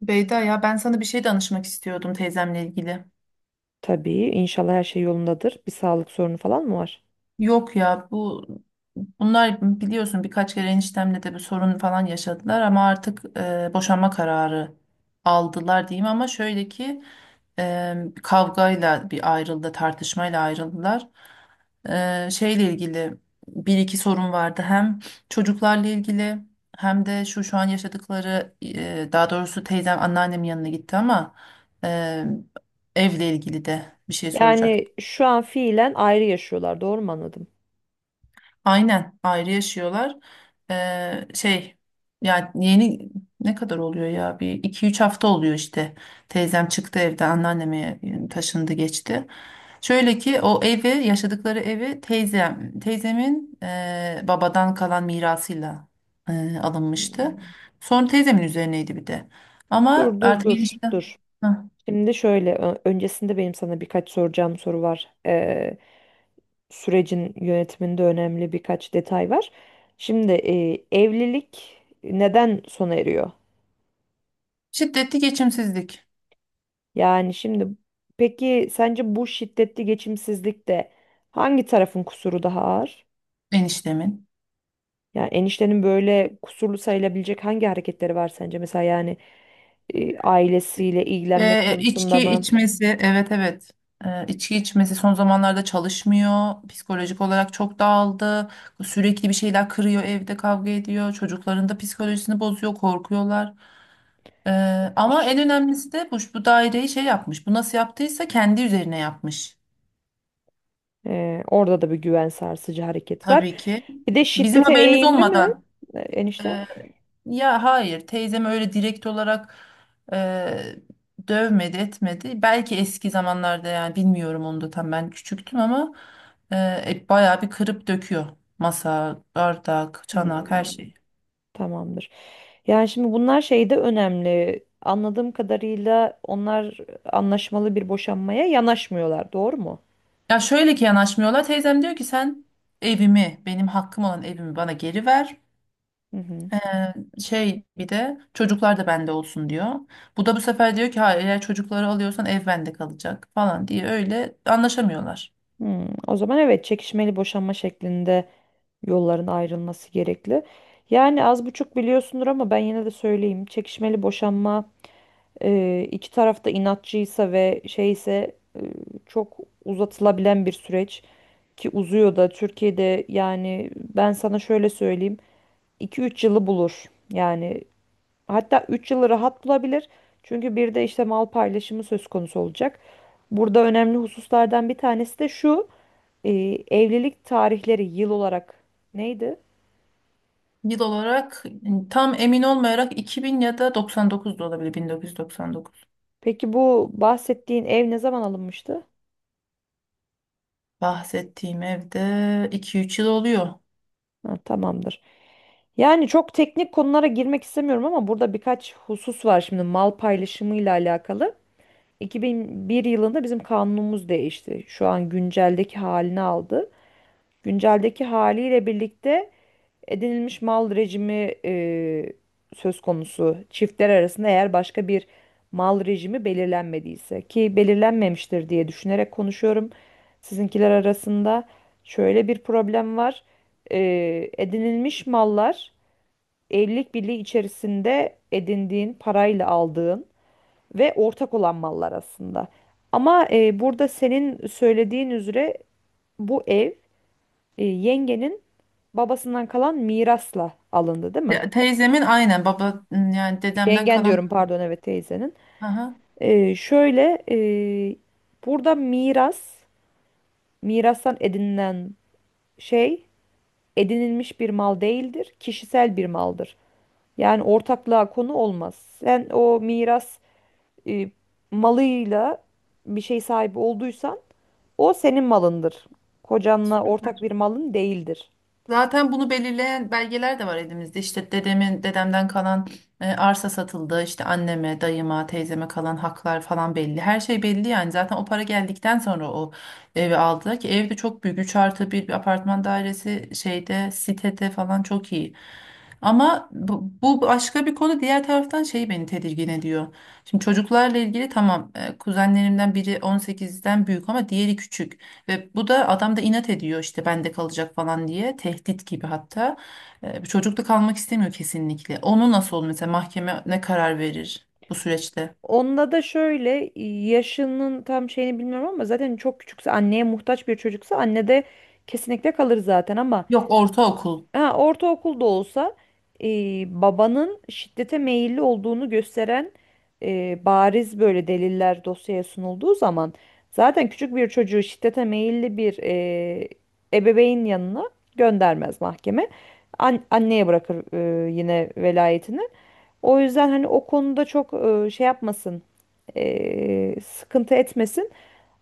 Beyda, ya ben sana bir şey danışmak istiyordum teyzemle ilgili. Tabii inşallah her şey yolundadır. Bir sağlık sorunu falan mı var? Yok ya bunlar biliyorsun birkaç kere eniştemle de bir sorun falan yaşadılar ama artık boşanma kararı aldılar diyeyim ama şöyle ki e, kavgayla bir ayrıldı tartışmayla ayrıldılar. Şeyle ilgili bir iki sorun vardı hem çocuklarla ilgili hem de şu an yaşadıkları, daha doğrusu teyzem anneannemin yanına gitti ama e, evle ilgili de bir şey soracaktım. Yani şu an fiilen ayrı yaşıyorlar, doğru mu anladım? Aynen ayrı yaşıyorlar. Şey ya yeni, ne kadar oluyor ya, bir iki üç hafta oluyor işte. Teyzem çıktı evden, anneanneme taşındı geçti. Şöyle ki o evi yaşadıkları evi, teyzemin babadan kalan mirasıyla alınmıştı. Hmm. Sonra teyzemin üzerineydi bir de. Ama Dur dur artık dur enişte... dur. Hah. Şimdi şöyle öncesinde benim sana birkaç soracağım soru var. Sürecin yönetiminde önemli birkaç detay var. Şimdi evlilik neden sona eriyor? Şiddetli geçimsizlik. Yani şimdi peki sence bu şiddetli geçimsizlikte hangi tarafın kusuru daha ağır? Eniştemin. Ya eniştenin böyle kusurlu sayılabilecek hangi hareketleri var sence? Mesela yani ailesiyle ilgilenmek konusunda İçki mı? içmesi, evet, evet. İçki içmesi, son zamanlarda çalışmıyor. Psikolojik olarak çok dağıldı. Sürekli bir şeyler kırıyor, evde kavga ediyor. Çocukların da psikolojisini bozuyor, korkuyorlar. Ee, Ama en Ş- önemlisi de bu daireyi şey yapmış. Bu nasıl yaptıysa kendi üzerine yapmış. orada da bir güven sarsıcı hareket var. Tabii ki. Bir de Bizim şiddete haberimiz eğimli mi olmadan. Enişte? Ya hayır, teyzem öyle direkt olarak eee, dövmedi etmedi. Belki eski zamanlarda, yani bilmiyorum, onu da tam ben küçüktüm ama bayağı bir kırıp döküyor. Masa, bardak, çanak, her Hmm, şeyi. tamamdır. Yani şimdi bunlar şey de önemli. Anladığım kadarıyla onlar anlaşmalı bir boşanmaya yanaşmıyorlar, doğru mu? Ya şöyle ki yanaşmıyorlar. Teyzem diyor ki, sen evimi, benim hakkım olan evimi bana geri ver. Hı hı. Eee, Şey, bir de çocuklar da bende olsun diyor. Bu da bu sefer diyor ki hayır, eğer çocukları alıyorsan ev bende kalacak falan diye, öyle anlaşamıyorlar. Hmm, o zaman evet çekişmeli boşanma şeklinde yolların ayrılması gerekli. Yani az buçuk biliyorsundur ama ben yine de söyleyeyim. Çekişmeli boşanma, iki tarafta inatçıysa ve şeyse, çok uzatılabilen bir süreç, ki uzuyor da Türkiye'de. Yani ben sana şöyle söyleyeyim, 2-3 yılı bulur. Yani hatta 3 yılı rahat bulabilir. Çünkü bir de işte mal paylaşımı söz konusu olacak. Burada önemli hususlardan bir tanesi de şu: e, evlilik tarihleri yıl olarak neydi? Yıl olarak tam emin olmayarak 2000, ya da 99 da olabilir, 1999. Peki bu bahsettiğin ev ne zaman alınmıştı? Bahsettiğim evde 2-3 yıl oluyor. Ha, tamamdır. Yani çok teknik konulara girmek istemiyorum ama burada birkaç husus var şimdi mal paylaşımıyla alakalı. 2001 yılında bizim kanunumuz değişti. Şu an günceldeki halini aldı. Günceldeki haliyle birlikte edinilmiş mal rejimi, söz konusu çiftler arasında eğer başka bir mal rejimi belirlenmediyse, ki belirlenmemiştir diye düşünerek konuşuyorum. Sizinkiler arasında şöyle bir problem var. Edinilmiş mallar, evlilik birliği içerisinde edindiğin parayla aldığın ve ortak olan mallar aslında. Ama burada senin söylediğin üzere bu ev yengenin babasından kalan mirasla alındı, değil mi? Ya, teyzemin aynen baba, yani dedemden Yengen kalan. diyorum, pardon, evet teyzenin. Aha. Şöyle, burada miras, mirastan edinilen şey edinilmiş bir mal değildir, kişisel bir maldır. Yani ortaklığa konu olmaz. Sen o miras e, malıyla bir şey sahibi olduysan o senin malındır. Kocanla ortak bir malın değildir. Zaten bunu belirleyen belgeler de var elimizde. İşte dedemden kalan arsa satıldı. İşte anneme, dayıma, teyzeme kalan haklar falan belli. Her şey belli yani. Zaten o para geldikten sonra o evi aldılar ki, ev de çok büyük. Üç artı bir, bir apartman dairesi, şeyde, sitede falan, çok iyi. Ama bu başka bir konu. Diğer taraftan şey beni tedirgin ediyor. Şimdi çocuklarla ilgili tamam, kuzenlerimden biri 18'den büyük ama diğeri küçük. Ve bu da, adam da inat ediyor işte bende kalacak falan diye, tehdit gibi hatta. Bu çocuk da kalmak istemiyor kesinlikle. Onu nasıl olur mesela, mahkeme ne karar verir bu süreçte? Onunla da şöyle, yaşının tam şeyini bilmiyorum ama zaten çok küçükse, anneye muhtaç bir çocuksa, anne de kesinlikle kalır zaten. Ama Yok, ortaokul. Ha, ortaokulda olsa e, babanın şiddete meyilli olduğunu gösteren bariz böyle deliller dosyaya sunulduğu zaman, zaten küçük bir çocuğu şiddete meyilli bir ebeveyn yanına göndermez mahkeme. Anneye bırakır yine velayetini. O yüzden hani o konuda çok şey yapmasın, sıkıntı etmesin.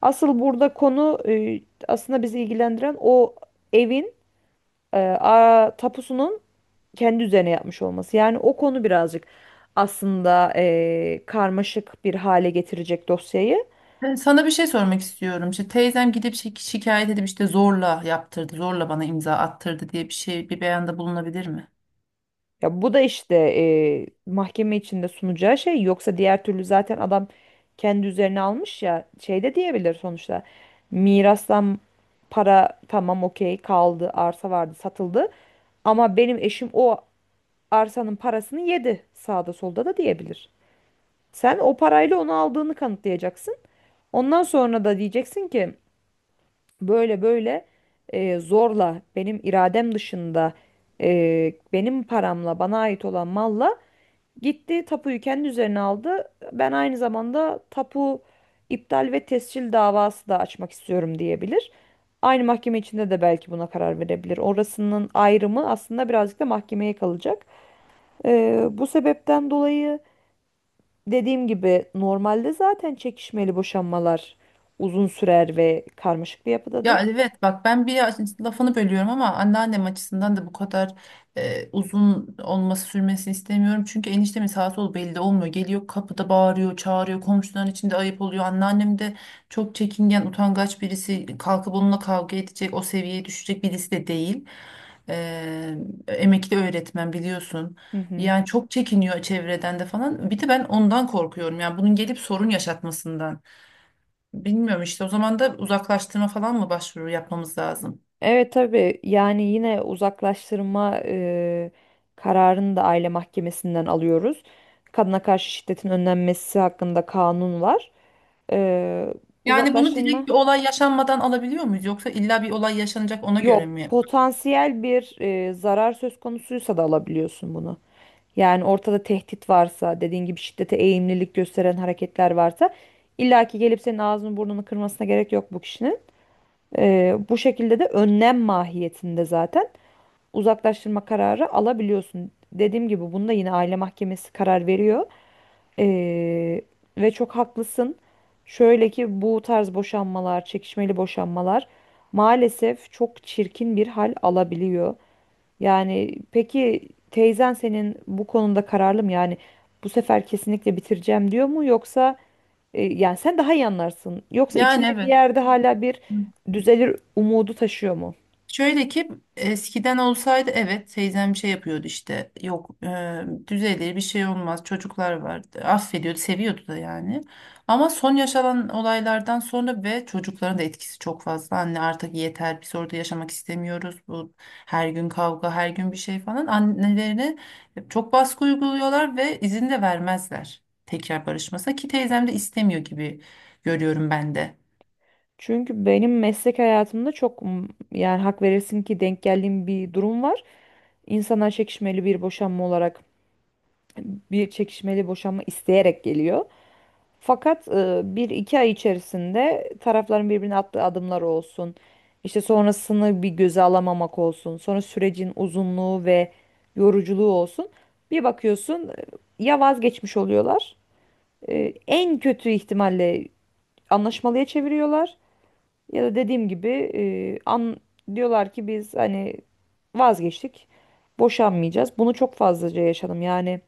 Asıl burada konu, aslında bizi ilgilendiren, o evin tapusunun kendi üzerine yapmış olması. Yani o konu birazcık aslında karmaşık bir hale getirecek dosyayı. Ben sana bir şey sormak istiyorum. İşte teyzem gidip şikayet edip, işte zorla yaptırdı, zorla bana imza attırdı diye bir şey, bir beyanda bulunabilir mi? Ya bu da işte mahkeme içinde sunacağı şey. Yoksa diğer türlü zaten adam kendi üzerine almış, ya şey de diyebilir sonuçta. Mirastan para tamam, okey, kaldı. Arsa vardı, satıldı, ama benim eşim o arsanın parasını yedi sağda solda da diyebilir. Sen o parayla onu aldığını kanıtlayacaksın. Ondan sonra da diyeceksin ki böyle böyle, zorla, benim iradem dışında, benim paramla bana ait olan malla gitti tapuyu kendi üzerine aldı. Ben aynı zamanda tapu iptal ve tescil davası da açmak istiyorum, diyebilir. Aynı mahkeme içinde de belki buna karar verebilir. Orasının ayrımı aslında birazcık da mahkemeye kalacak. Bu sebepten dolayı, dediğim gibi, normalde zaten çekişmeli boşanmalar uzun sürer ve karmaşık bir Ya yapıdadır. evet bak, ben bir lafını bölüyorum ama anneannem açısından da bu kadar uzun sürmesini istemiyorum. Çünkü eniştemin sağ sol belli olmuyor. Geliyor kapıda bağırıyor, çağırıyor. Komşuların içinde ayıp oluyor. Anneannem de çok çekingen, utangaç birisi. Kalkıp onunla kavga edecek, o seviyeye düşecek birisi de değil. E, Emekli öğretmen biliyorsun. Hı hı. Yani çok çekiniyor çevreden de falan. Bir de ben ondan korkuyorum. Yani bunun gelip sorun yaşatmasından. Bilmiyorum, işte o zaman da uzaklaştırma falan mı, başvuru yapmamız lazım? Evet, tabii, yani yine uzaklaştırma kararını da aile mahkemesinden alıyoruz. Kadına karşı şiddetin önlenmesi hakkında kanun var. E, Yani bunu Uzaklaştırma. direkt bir olay yaşanmadan alabiliyor muyuz, yoksa illa bir olay yaşanacak ona göre Yok, mi? potansiyel bir zarar söz konusuysa da alabiliyorsun bunu. Yani ortada tehdit varsa, dediğin gibi şiddete eğimlilik gösteren hareketler varsa, illaki gelip senin ağzını burnunu kırmasına gerek yok bu kişinin. Bu şekilde de önlem mahiyetinde zaten uzaklaştırma kararı alabiliyorsun. Dediğim gibi, bunda yine aile mahkemesi karar veriyor. Ee, ve çok haklısın. Şöyle ki bu tarz boşanmalar, çekişmeli boşanmalar maalesef çok çirkin bir hal alabiliyor. Yani peki teyzen senin bu konuda kararlı mı? Yani bu sefer kesinlikle bitireceğim diyor mu, yoksa yani sen daha iyi anlarsın. Yoksa Yani içinde bir evet. yerde hala bir düzelir umudu taşıyor mu? Şöyle ki, eskiden olsaydı evet teyzem şey yapıyordu, işte yok düzelir, bir şey olmaz, çocuklar vardı, affediyordu, seviyordu da yani. Ama son yaşanan olaylardan sonra ve çocukların da etkisi çok fazla, anne artık yeter, biz orada yaşamak istemiyoruz, bu her gün kavga, her gün bir şey falan, annelerine çok baskı uyguluyorlar. Ve izin de vermezler tekrar barışmasına, ki teyzem de istemiyor gibi görüyorum ben de. Çünkü benim meslek hayatımda çok yani, hak verirsin ki, denk geldiğim bir durum var. İnsanlar çekişmeli bir boşanma olarak bir çekişmeli boşanma isteyerek geliyor. Fakat 1-2 ay içerisinde, tarafların birbirine attığı adımlar olsun, İşte sonrasını bir göze alamamak olsun, sonra sürecin uzunluğu ve yoruculuğu olsun, bir bakıyorsun ya vazgeçmiş oluyorlar. En kötü ihtimalle anlaşmalıya çeviriyorlar, ya da dediğim gibi e, an diyorlar ki biz hani vazgeçtik, boşanmayacağız. Bunu çok fazlaca yaşadım. Yani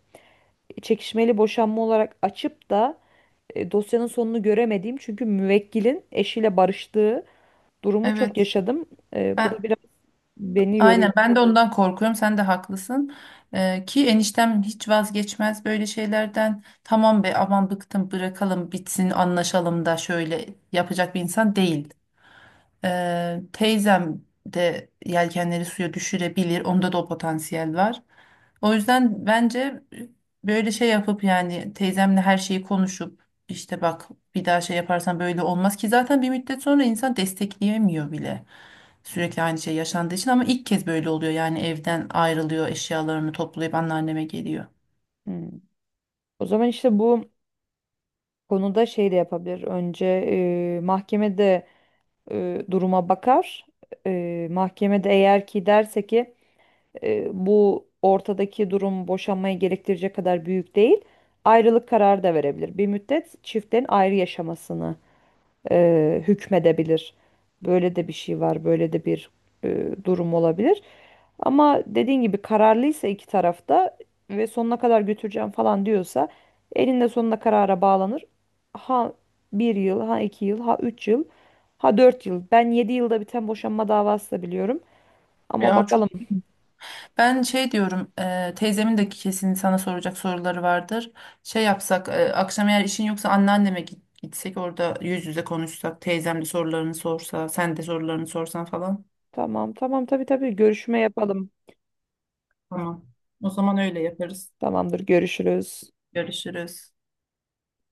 çekişmeli boşanma olarak açıp da dosyanın sonunu göremediğim, çünkü müvekkilin eşiyle barıştığı durumu, çok Evet. yaşadım. Bu da Ben biraz beni Aynen, yoruyor. ben de ondan korkuyorum. Sen de haklısın. Ki eniştem hiç vazgeçmez böyle şeylerden. Tamam be, aman bıktım, bırakalım bitsin, anlaşalım da, şöyle yapacak bir insan değil. Teyzem de yelkenleri suya düşürebilir. Onda da o potansiyel var. O yüzden bence böyle şey yapıp, yani teyzemle her şeyi konuşup, işte bak bir daha şey yaparsan böyle olmaz ki, zaten bir müddet sonra insan destekleyemiyor bile. Sürekli aynı şey yaşandığı için. Ama ilk kez böyle oluyor, yani evden ayrılıyor, eşyalarını toplayıp anneanneme geliyor. Hmm. O zaman işte bu konuda şey de yapabilir. Önce mahkemede duruma bakar. Mahkemede eğer ki derse ki bu ortadaki durum boşanmayı gerektirecek kadar büyük değil, ayrılık kararı da verebilir. Bir müddet çiftlerin ayrı yaşamasını hükmedebilir. Böyle de bir şey var, böyle de bir durum olabilir. Ama dediğin gibi kararlıysa iki tarafta ve sonuna kadar götüreceğim falan diyorsa, elinde sonunda karara bağlanır. Ha 1 yıl, ha 2 yıl, ha 3 yıl, ha 4 yıl. Ben 7 yılda biten boşanma davası da biliyorum. Ama Ya çok... bakalım. Ben şey diyorum, teyzemin de kesin sana soracak soruları vardır. Şey yapsak, akşam eğer işin yoksa anneanneme gitsek, orada yüz yüze konuşsak, teyzem de sorularını sorsa, sen de sorularını sorsan falan. Tamam tamam, tabii tabii, görüşme yapalım. Tamam. O zaman öyle yaparız. Tamamdır, görüşürüz. Görüşürüz.